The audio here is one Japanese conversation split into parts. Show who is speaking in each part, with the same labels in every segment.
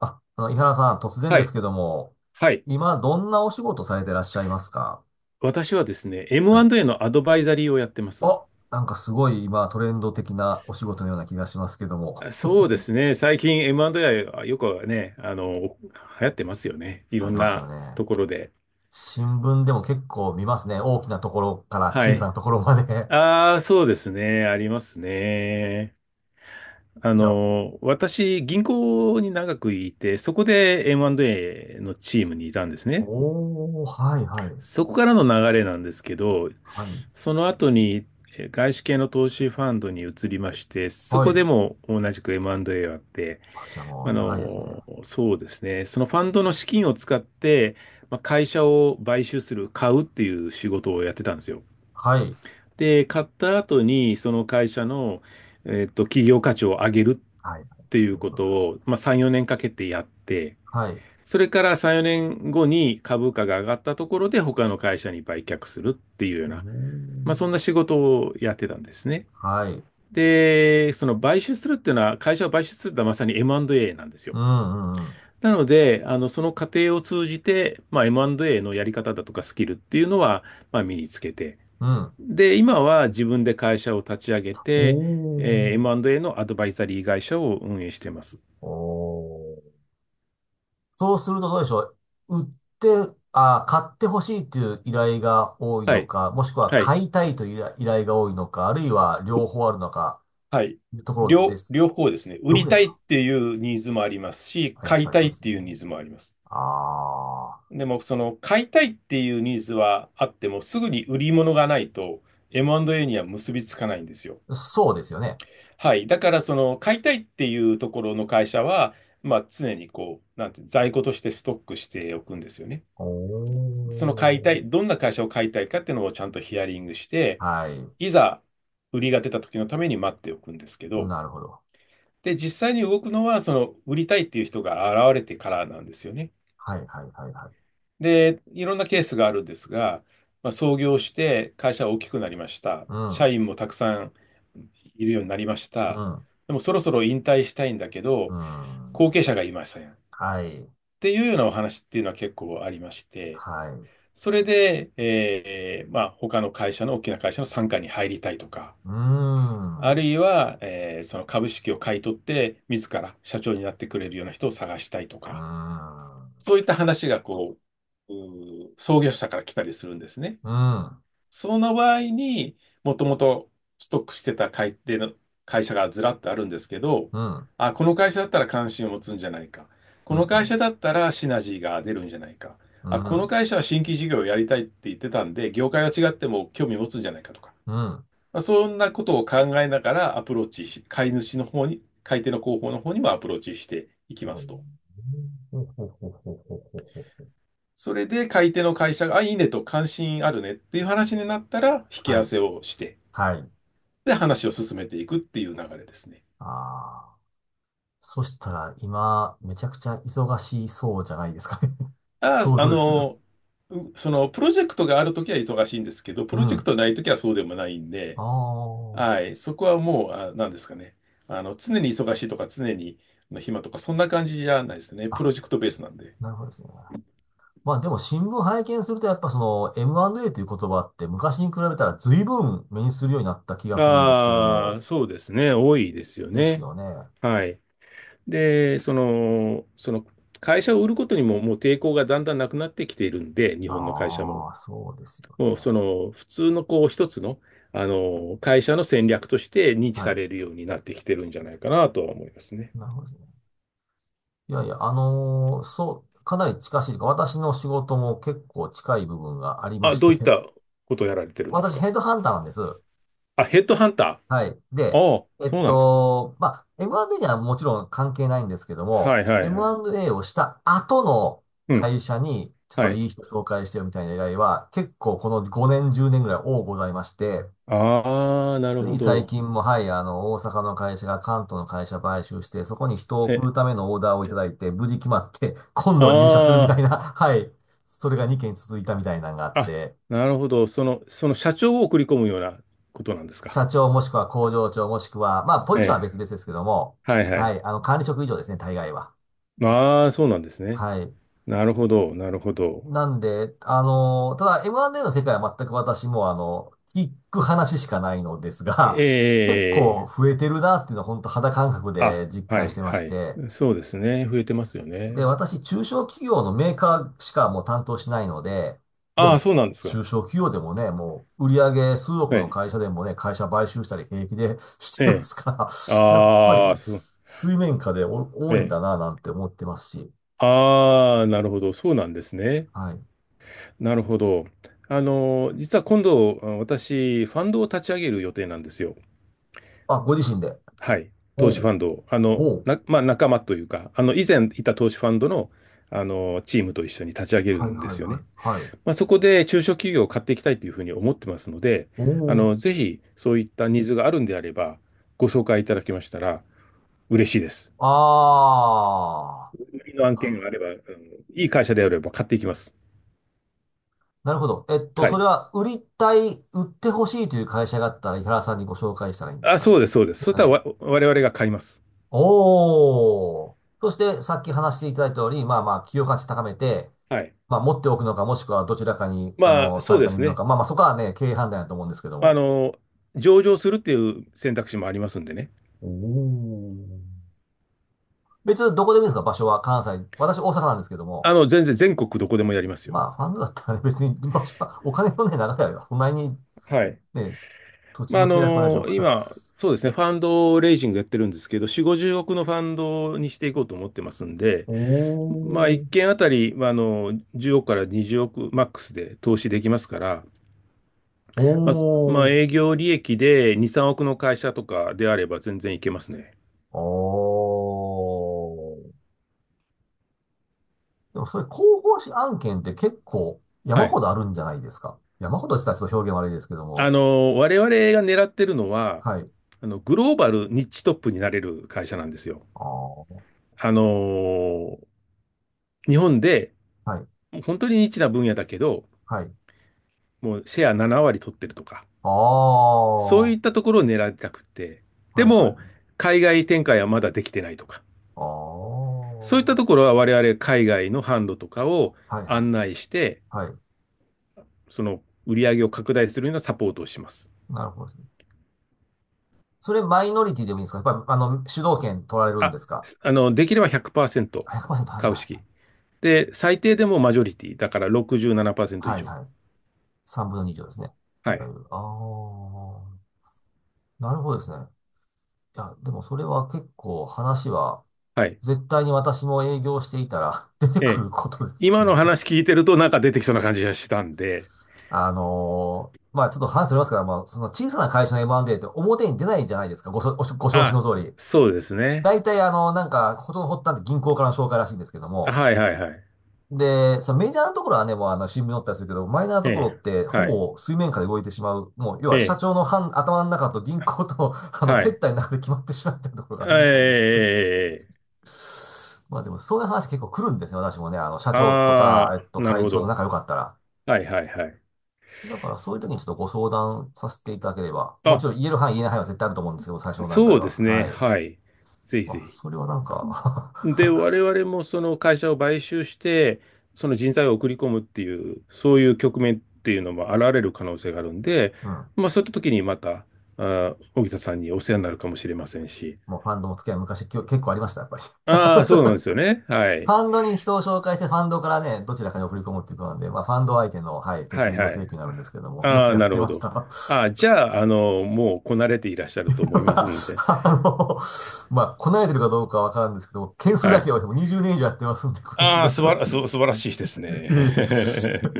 Speaker 1: 井原さん、突然
Speaker 2: は
Speaker 1: です
Speaker 2: い。
Speaker 1: けども、
Speaker 2: はい。
Speaker 1: 今、どんなお仕事されてらっしゃいますか？
Speaker 2: 私はですね、
Speaker 1: はい。
Speaker 2: M&A のアドバイザリーをやってます。
Speaker 1: あ、なんかすごい今、トレンド的なお仕事のような気がしますけども。
Speaker 2: あ、そ うですね。最近 M&A はよくね、流行ってますよね。い
Speaker 1: さ
Speaker 2: ろ
Speaker 1: れ
Speaker 2: ん
Speaker 1: てます
Speaker 2: な
Speaker 1: よね。
Speaker 2: ところで。
Speaker 1: 新聞でも結構見ますね。大きなところから
Speaker 2: は
Speaker 1: 小さ
Speaker 2: い。
Speaker 1: なところまで。
Speaker 2: ああ、そうですね。ありますね。
Speaker 1: じゃあ、
Speaker 2: 私、銀行に長くいて、そこで M&A のチームにいたんですね。
Speaker 1: おー、はいはい。
Speaker 2: そこからの流れなんですけど、
Speaker 1: はい。
Speaker 2: その後に外資系の投資ファンドに移りまして、そ
Speaker 1: は
Speaker 2: こで
Speaker 1: い。
Speaker 2: も同じく M&A をやって、
Speaker 1: あ、じゃあもう長いですね。
Speaker 2: そうですね。そのファンドの資金を使って、まあ、会社を買収する、買うっていう仕事をやってたんですよ。
Speaker 1: はい。
Speaker 2: で、買った後に、その会社の、企業価値を上げるっ
Speaker 1: はい。
Speaker 2: ていうことを、まあ、3、4年かけてやって、
Speaker 1: はい。
Speaker 2: それから3、4年後に株価が上がったところで、他の会社に売却するっていうよう
Speaker 1: お
Speaker 2: な、まあ、そん
Speaker 1: ー。
Speaker 2: な仕事をやってたんですね。
Speaker 1: はい。
Speaker 2: で、その買収するっていうのは、会社を買収するってのはまさに M&A なんですよ。
Speaker 1: うんうんうん。
Speaker 2: なので、その過程を通じて、まあ、M&A のやり方だとかスキルっていうのは、まあ、身につけて。
Speaker 1: うん。
Speaker 2: で、今は自分で会社を立ち上げ
Speaker 1: お
Speaker 2: て、
Speaker 1: ー。
Speaker 2: M&A のアドバイザリー会社を運営しています。
Speaker 1: おー。そうするとどうでしょう。売って、あ、買ってほしいという依頼が多い
Speaker 2: は
Speaker 1: の
Speaker 2: い。
Speaker 1: か、もしくは
Speaker 2: はい。
Speaker 1: 買いたいという依頼が多いのか、あるいは両方あるのか、
Speaker 2: はい。
Speaker 1: いうところで
Speaker 2: 両、
Speaker 1: す。
Speaker 2: 両方ですね。売
Speaker 1: 両方
Speaker 2: り
Speaker 1: で
Speaker 2: た
Speaker 1: す
Speaker 2: い
Speaker 1: か？
Speaker 2: っていうニーズもありますし、
Speaker 1: あ、やっ
Speaker 2: 買
Speaker 1: ぱ
Speaker 2: い
Speaker 1: り
Speaker 2: た
Speaker 1: そ
Speaker 2: い
Speaker 1: うで
Speaker 2: っ
Speaker 1: す
Speaker 2: て
Speaker 1: よね。
Speaker 2: いうニーズもあります。
Speaker 1: あ
Speaker 2: でも、その買いたいっていうニーズはあっても、すぐに売り物がないと M&A には結びつかないんですよ。
Speaker 1: あ、そうですよね。
Speaker 2: はい。だから、その、買いたいっていうところの会社は、まあ、常にこう、なんて、在庫としてストックしておくんですよね。
Speaker 1: お
Speaker 2: その買いたい、
Speaker 1: ー。
Speaker 2: どんな会社を買いたいかっていうのをちゃんとヒアリングして、
Speaker 1: はい。
Speaker 2: いざ売りが出た時のために待っておくんですけど、
Speaker 1: なるほど。
Speaker 2: で、実際に動くのは、その、売りたいっていう人が現れてからなんですよね。
Speaker 1: はい、はい、はい、はい。
Speaker 2: で、いろんなケースがあるんですが、まあ、創業して会社は大きくなりました。
Speaker 1: うん、
Speaker 2: 社員もたくさんいるようになりまし
Speaker 1: う
Speaker 2: た。
Speaker 1: ん、
Speaker 2: でも、そろそろ引退したいんだけ
Speaker 1: う
Speaker 2: ど、後
Speaker 1: ん。
Speaker 2: 継者がいません。っ
Speaker 1: はい、
Speaker 2: ていうようなお話っていうのは結構ありまして、
Speaker 1: はい。
Speaker 2: それで、まあ、他の会社の大きな会社の傘下に入りたいとか、
Speaker 1: うーん、
Speaker 2: ある
Speaker 1: う
Speaker 2: いは、その株式を買い取って、自ら社長になってくれるような人を探したいと
Speaker 1: ー
Speaker 2: か、
Speaker 1: ん、
Speaker 2: そういった話がこう、創業者から来たりするんですね。
Speaker 1: うん、
Speaker 2: その場合に、もともとストックしてた買い手の会社がずらっとあるんですけど、
Speaker 1: うん、
Speaker 2: あ、この会社だったら関心を持つんじゃないか。
Speaker 1: う
Speaker 2: この
Speaker 1: ん、う
Speaker 2: 会
Speaker 1: ん、
Speaker 2: 社だったらシナジーが出るんじゃないか。
Speaker 1: う
Speaker 2: あ、この
Speaker 1: ん。
Speaker 2: 会社は新規事業をやりたいって言ってたんで、業界は違っても興味持つんじゃないかとか。
Speaker 1: うん
Speaker 2: まあ、そんなことを考えながらアプローチし、買い主の方に、買い手の広報の方にもアプローチしていきま
Speaker 1: ほ
Speaker 2: す
Speaker 1: う
Speaker 2: と。
Speaker 1: ほうほうほうほうほうほう
Speaker 2: それで買い手の会社が、あ、いいねと関心あるねっていう話になったら、引き合
Speaker 1: は
Speaker 2: わ
Speaker 1: い。
Speaker 2: せをして、
Speaker 1: はい。
Speaker 2: で、話を進めていくっていう流れですね。
Speaker 1: ああ。そしたら、今、めちゃくちゃ忙しそうじゃないですかね？
Speaker 2: あ
Speaker 1: 想
Speaker 2: あ、
Speaker 1: 像ですけど。
Speaker 2: その、プロジェクトがあるときは忙しいんですけど、プ
Speaker 1: う
Speaker 2: ロジェク
Speaker 1: ん。
Speaker 2: トないときはそうでもないんで、
Speaker 1: あ
Speaker 2: はい、そこはもう、あ、なんですかね。常に忙しいとか、常に暇とか、そんな感じじゃないですね。
Speaker 1: あ。
Speaker 2: プ
Speaker 1: あ、
Speaker 2: ロジェクトベースなんで。
Speaker 1: なるほどですね。まあでも新聞拝見するとやっぱその M&A という言葉って昔に比べたら随分目にするようになった気がするんですけど
Speaker 2: あ
Speaker 1: も。
Speaker 2: あ、そうですね。多いですよ
Speaker 1: です
Speaker 2: ね。
Speaker 1: よね。
Speaker 2: はい。で、その、会社を売ることにももう抵抗がだんだんなくなってきているんで、日本の会社も。
Speaker 1: ああ、そうですよね。
Speaker 2: もうその普通のこう一つの、会社の戦略として認知
Speaker 1: は
Speaker 2: さ
Speaker 1: い。
Speaker 2: れるようになってきてるんじゃないかなとは思いますね。
Speaker 1: なるほどですね。いやいや、あのーそう、かなり近しいというか、私の仕事も結構近い部分がありま
Speaker 2: あ、
Speaker 1: し
Speaker 2: ど
Speaker 1: て。
Speaker 2: ういった ことをやられてるんです
Speaker 1: 私
Speaker 2: か
Speaker 1: ヘッドハンターなんです。
Speaker 2: あ、ヘッドハンター。ああ、
Speaker 1: はい。で、
Speaker 2: そうなんですか。
Speaker 1: まあ、M&A にはもちろん関係ないんですけど
Speaker 2: は
Speaker 1: も、
Speaker 2: いはいはい。
Speaker 1: M&A をした後の
Speaker 2: うん。
Speaker 1: 会社に、ちょっ
Speaker 2: は
Speaker 1: と
Speaker 2: い。
Speaker 1: いい人紹介してよみたいな依頼は、結構この5年、10年ぐらい多ございまして、
Speaker 2: ああ、なる
Speaker 1: つい
Speaker 2: ほ
Speaker 1: 最
Speaker 2: ど。
Speaker 1: 近も、はい、あの、大阪の会社が関東の会社買収して、そこに人を送
Speaker 2: え、
Speaker 1: るためのオーダーをいただいて、無事決まって、今度入社するみ
Speaker 2: あ
Speaker 1: たいな、はい、それが2件続いたみたいなのがあっ
Speaker 2: あ、あ、
Speaker 1: て、
Speaker 2: なるほど。その社長を送り込むようなことなんですか。
Speaker 1: 社長もしくは工場長もしくは、まあ、ポ
Speaker 2: え
Speaker 1: ジションは別
Speaker 2: え。
Speaker 1: 々ですけども、
Speaker 2: はいは
Speaker 1: は
Speaker 2: い。
Speaker 1: い、あの、管理職以上ですね、大概は。
Speaker 2: ああ、そうなんですね。
Speaker 1: はい。
Speaker 2: なるほど、なるほど。
Speaker 1: なんで、あの、ただ M&A の世界は全く私も、あの、聞く話しかないのです
Speaker 2: え
Speaker 1: が、結構
Speaker 2: え。
Speaker 1: 増えてるなっていうのは本当肌感覚
Speaker 2: あ、
Speaker 1: で実
Speaker 2: は
Speaker 1: 感し
Speaker 2: い、
Speaker 1: てま
Speaker 2: は
Speaker 1: し
Speaker 2: い。
Speaker 1: て、
Speaker 2: そうですね。増えてますよ
Speaker 1: で、
Speaker 2: ね。
Speaker 1: 私、中小企業のメーカーしかもう担当しないので、で
Speaker 2: ああ、
Speaker 1: も、
Speaker 2: そうなんですか。
Speaker 1: 中小企業でもね、もう、売上数億
Speaker 2: え
Speaker 1: の
Speaker 2: え、
Speaker 1: 会社でもね、会社買収したり平気でし
Speaker 2: え
Speaker 1: てま
Speaker 2: え。
Speaker 1: すから、やっぱ
Speaker 2: ああ、
Speaker 1: り、
Speaker 2: そう、
Speaker 1: 水面下でお
Speaker 2: え
Speaker 1: 多いんだ
Speaker 2: え。
Speaker 1: な、なんて思ってますし、
Speaker 2: ああ、なるほど。そうなんですね。
Speaker 1: はい。
Speaker 2: なるほど。実は今度、私、ファンドを立ち上げる予定なんですよ。
Speaker 1: あ、ご自身で。
Speaker 2: はい。投資
Speaker 1: お
Speaker 2: ファ
Speaker 1: う、
Speaker 2: ンドを。
Speaker 1: おう、
Speaker 2: まあ、仲間というか、以前いた投資ファンドの、チームと一緒に立ち上げる
Speaker 1: はい
Speaker 2: んで
Speaker 1: はい
Speaker 2: すよ
Speaker 1: は
Speaker 2: ね。
Speaker 1: い、はい。
Speaker 2: まあ、そこで中小企業を買っていきたいというふうに思ってますので、
Speaker 1: おう、
Speaker 2: ぜひそういったニーズがあるんであれば、ご紹介いただけましたら嬉しいです。
Speaker 1: あー。
Speaker 2: 売りの案件があれば、うん、いい会社であれば買っていきます。
Speaker 1: なるほど。
Speaker 2: は
Speaker 1: そ
Speaker 2: い。
Speaker 1: れは、売りたい、売ってほしいという会社があったら、井原さんにご紹介したらいいんです
Speaker 2: あ、
Speaker 1: かね？
Speaker 2: そうです、そうです。
Speaker 1: で
Speaker 2: そ
Speaker 1: す
Speaker 2: し
Speaker 1: よ
Speaker 2: たら
Speaker 1: ね。
Speaker 2: 我々が買います。
Speaker 1: おー。そして、さっき話していただいた通り、まあまあ、企業価値高めて、
Speaker 2: はい。
Speaker 1: まあ、持っておくのか、もしくはどちらかに、あ
Speaker 2: ま
Speaker 1: の、
Speaker 2: あ、そう
Speaker 1: 参
Speaker 2: で
Speaker 1: 加にい
Speaker 2: す
Speaker 1: るの
Speaker 2: ね。
Speaker 1: か。まあまあ、そこはね、経営判断だと思うんですけど
Speaker 2: まあ
Speaker 1: も。
Speaker 2: 上場するっていう選択肢もありますんでね。
Speaker 1: おー。別にどこでもいいですか、場所は？関西。私、大阪なんですけども。
Speaker 2: 全然全国どこでもやります
Speaker 1: ま
Speaker 2: よ。
Speaker 1: あ、ファンドだったらね、別に場所は、お金のね、長いれは、そんなに
Speaker 2: はい。
Speaker 1: ね、土地
Speaker 2: まあ、
Speaker 1: の制約はないでしょうから。
Speaker 2: 今、そうですね、ファンドレイジングやってるんですけど、4、50億のファンドにしていこうと思ってますんで、
Speaker 1: お
Speaker 2: まあ、1
Speaker 1: ー。
Speaker 2: 件あたり、まあ、10億から20億マックスで投資できますから、まあ、ま
Speaker 1: お
Speaker 2: あ、営
Speaker 1: ー。
Speaker 2: 業利益で2、3億の会社とかであれば全然いけますね。
Speaker 1: おー。でもそれ広報誌案件って結構山
Speaker 2: はい。
Speaker 1: ほどあるんじゃないですか？山ほどって言ったらちょっと表現悪いですけども。
Speaker 2: 我々が狙ってるのは、
Speaker 1: はい。
Speaker 2: グローバルニッチトップになれる会社なんですよ。
Speaker 1: ああ、
Speaker 2: あの、日本で
Speaker 1: はい。
Speaker 2: 本当にニッチな分野だけど、
Speaker 1: はい。
Speaker 2: もうシェア7割取ってるとか、
Speaker 1: あ
Speaker 2: そ
Speaker 1: あ、
Speaker 2: うい
Speaker 1: は
Speaker 2: ったところを狙いたくて、
Speaker 1: い
Speaker 2: で
Speaker 1: はいは
Speaker 2: も、
Speaker 1: い。
Speaker 2: 海外展開はまだできてないとか。
Speaker 1: ああ、
Speaker 2: そういった
Speaker 1: は
Speaker 2: ところは我々海外の販路とかを
Speaker 1: いは
Speaker 2: 案内
Speaker 1: い。
Speaker 2: して、
Speaker 1: はい。
Speaker 2: その売り上げを拡大するようなサポートをします。
Speaker 1: なるほどですね。それマイノリティでもいいんですか？やっぱり、あの、主導権取られるん
Speaker 2: あ、
Speaker 1: ですか？
Speaker 2: できれば100%
Speaker 1: 100%、はい
Speaker 2: 株
Speaker 1: は
Speaker 2: 式。で、最低でもマジョリティ。だから
Speaker 1: い
Speaker 2: 67%以
Speaker 1: はい。は
Speaker 2: 上。
Speaker 1: いはい。3分の2以上ですね。い
Speaker 2: は
Speaker 1: わ
Speaker 2: い。
Speaker 1: ゆる。ああ、なるほどですね。いや、でもそれは結構話は
Speaker 2: はい。
Speaker 1: 絶対に私も営業していたら 出て
Speaker 2: え
Speaker 1: く
Speaker 2: え。
Speaker 1: ることです
Speaker 2: 今
Speaker 1: ん
Speaker 2: の
Speaker 1: で。
Speaker 2: 話聞いてるとなんか出てきそうな感じがしたんで。
Speaker 1: あのーまあちょっと話ずれますから、まあその小さな会社の M&A って表に出ないじゃないですか、ご承知の
Speaker 2: あ、
Speaker 1: 通り。
Speaker 2: そうですね。
Speaker 1: 大体あの、なんか、ことの発端って銀行からの紹介らしいんですけども。
Speaker 2: はいはいはい。
Speaker 1: で、そのメジャーなところはね、もうあの新聞に載ったりするけど、マイナーな
Speaker 2: え
Speaker 1: ところ
Speaker 2: え。
Speaker 1: ってほ
Speaker 2: はい。
Speaker 1: ぼ水面下で動いてしまう。もう、要
Speaker 2: え
Speaker 1: は社
Speaker 2: え。
Speaker 1: 長の半頭の中と銀行と、あの、
Speaker 2: は
Speaker 1: 接
Speaker 2: い。
Speaker 1: 待の中で決まってしまっているところがあ
Speaker 2: え
Speaker 1: るみたいですね。
Speaker 2: え。
Speaker 1: まあでも、そういう話結構来るんですね、私もね。あの、社長とか、
Speaker 2: ああ、なる
Speaker 1: 会
Speaker 2: ほ
Speaker 1: 長と
Speaker 2: ど。
Speaker 1: 仲良かったら。
Speaker 2: はいはいはい。
Speaker 1: だから、そういう時にちょっとご相談させていただければ。もちろん、
Speaker 2: あ、
Speaker 1: 言える範囲、言えない範囲は絶対あると思うんですけど、最初の段階
Speaker 2: そうで
Speaker 1: は。
Speaker 2: すね。
Speaker 1: はい。
Speaker 2: はい。ぜひぜ
Speaker 1: まあ、
Speaker 2: ひ。
Speaker 1: それはなんか。
Speaker 2: で、我々もその会社を買収して、その人材を送り込むっていう、そういう局面っていうのも現れる可能性があるんで、
Speaker 1: うん。
Speaker 2: まあそういった時にまた、荻田さんにお世話になるかもしれませんし。
Speaker 1: もうファンドの付き合い昔結構ありました、やっぱり。フ
Speaker 2: ああ、そうなんですよね。はい。
Speaker 1: ァンドに人を紹介して、ファンドからね、どちらかに送り込むっていうことなんで、まあ、ファンド相手の、はい、手
Speaker 2: はい
Speaker 1: 数料
Speaker 2: はい。
Speaker 1: 請求になるんですけども、よ
Speaker 2: あ
Speaker 1: く
Speaker 2: あ、
Speaker 1: やっ
Speaker 2: なる
Speaker 1: て
Speaker 2: ほ
Speaker 1: まし
Speaker 2: ど。
Speaker 1: た。
Speaker 2: ああ、じゃあ、もうこなれていらっしゃると思いますので。
Speaker 1: あの、まあ、こなれてるかどうかはわからんですけども、件数
Speaker 2: は
Speaker 1: だ
Speaker 2: い。
Speaker 1: けはもう20年以上やってますんで、この仕
Speaker 2: ああ、すば
Speaker 1: 事。
Speaker 2: ら、す素晴らしいで
Speaker 1: いえい
Speaker 2: すね。
Speaker 1: え。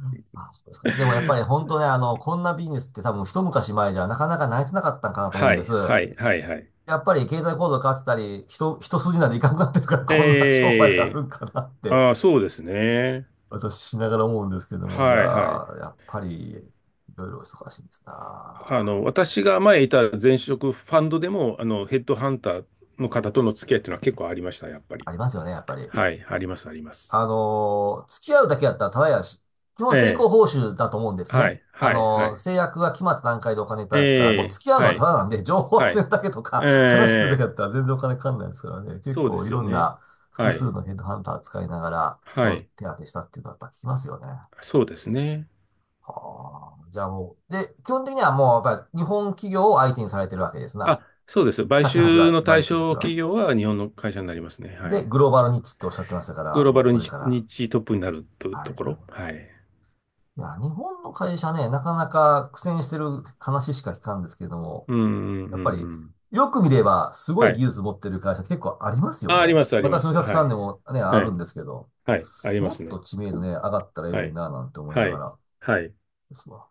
Speaker 1: あ、そうですか。でもやっぱり 本当ね、あの、こんなビジネスって多分一昔前じゃなかなか成り立たなかったんかなと思うん
Speaker 2: は
Speaker 1: で
Speaker 2: い、
Speaker 1: す。
Speaker 2: はい、はい、はい。
Speaker 1: やっぱり経済構造変わってたり、人、一筋縄でいかなくなってるからこんな商売があ
Speaker 2: え
Speaker 1: る
Speaker 2: え、
Speaker 1: んかなって、
Speaker 2: ああ、そうですね。
Speaker 1: 私しながら思うんですけども、じゃ
Speaker 2: はい、はい。
Speaker 1: あ、やっぱり、いろいろ忙しいんですな。
Speaker 2: 私が前いた前職ファンドでも、ヘッドハンターの方との付き合いっていうのは結構ありました、やっぱり。
Speaker 1: ありますよね、やっぱり。
Speaker 2: はい、あります、あります。
Speaker 1: あのー付き合うだけだったらただやし、基本
Speaker 2: え
Speaker 1: 成功
Speaker 2: え、
Speaker 1: 報酬だと思うんです
Speaker 2: は
Speaker 1: ね。
Speaker 2: い、
Speaker 1: あ
Speaker 2: はい、は
Speaker 1: のー
Speaker 2: い。
Speaker 1: 制約が決まった段階でお金いただくから、
Speaker 2: え
Speaker 1: もう
Speaker 2: え、
Speaker 1: 付き合うの
Speaker 2: は
Speaker 1: はた
Speaker 2: い、
Speaker 1: だなんで、情報を
Speaker 2: は
Speaker 1: 集め
Speaker 2: い。
Speaker 1: るだけとか、
Speaker 2: え
Speaker 1: 話するだけだ
Speaker 2: え、
Speaker 1: ったら全然お金かかんないですからね。結
Speaker 2: そうで
Speaker 1: 構い
Speaker 2: すよ
Speaker 1: ろん
Speaker 2: ね。
Speaker 1: な複
Speaker 2: は
Speaker 1: 数
Speaker 2: い、
Speaker 1: のヘッドハンター使いながら、
Speaker 2: は
Speaker 1: 人
Speaker 2: い。
Speaker 1: 手当てしたっていうのはやっぱ聞きますよね。
Speaker 2: そうですね。
Speaker 1: はあ。じゃあもう、で、基本的にはもうやっぱり日本企業を相手にされてるわけですな。
Speaker 2: あ、そうです。買
Speaker 1: さっきの話
Speaker 2: 収
Speaker 1: だ、
Speaker 2: の
Speaker 1: 買
Speaker 2: 対
Speaker 1: 収先
Speaker 2: 象企
Speaker 1: は。
Speaker 2: 業は日本の会社になりますね。は
Speaker 1: で、
Speaker 2: い。
Speaker 1: グローバルニッチっておっしゃってましたか
Speaker 2: グ
Speaker 1: ら、
Speaker 2: ローバ
Speaker 1: もう
Speaker 2: ル
Speaker 1: こ
Speaker 2: に
Speaker 1: れから。
Speaker 2: 日トップになるという
Speaker 1: はいは
Speaker 2: ところ。
Speaker 1: い。
Speaker 2: はい。
Speaker 1: いや、日本の会社ね、なかなか苦戦してる話しか聞かんですけれども、
Speaker 2: うん、うん、
Speaker 1: や
Speaker 2: う
Speaker 1: っぱ
Speaker 2: んう
Speaker 1: り、
Speaker 2: ん。
Speaker 1: よく見れば、すご
Speaker 2: は
Speaker 1: い技
Speaker 2: い。
Speaker 1: 術持ってる会社結構ありますよ
Speaker 2: あ、あり
Speaker 1: ね。
Speaker 2: ます、ありま
Speaker 1: 私のお
Speaker 2: す。
Speaker 1: 客
Speaker 2: は
Speaker 1: さん
Speaker 2: い。
Speaker 1: でもね、あ
Speaker 2: は
Speaker 1: るん
Speaker 2: い。
Speaker 1: ですけど、
Speaker 2: はい。ありま
Speaker 1: も
Speaker 2: す
Speaker 1: っと
Speaker 2: ね。
Speaker 1: 知名度ね、上がったらいい
Speaker 2: は
Speaker 1: のに
Speaker 2: い。
Speaker 1: な、なんて思いな
Speaker 2: は
Speaker 1: が
Speaker 2: い。
Speaker 1: ら
Speaker 2: はい。
Speaker 1: ですわ。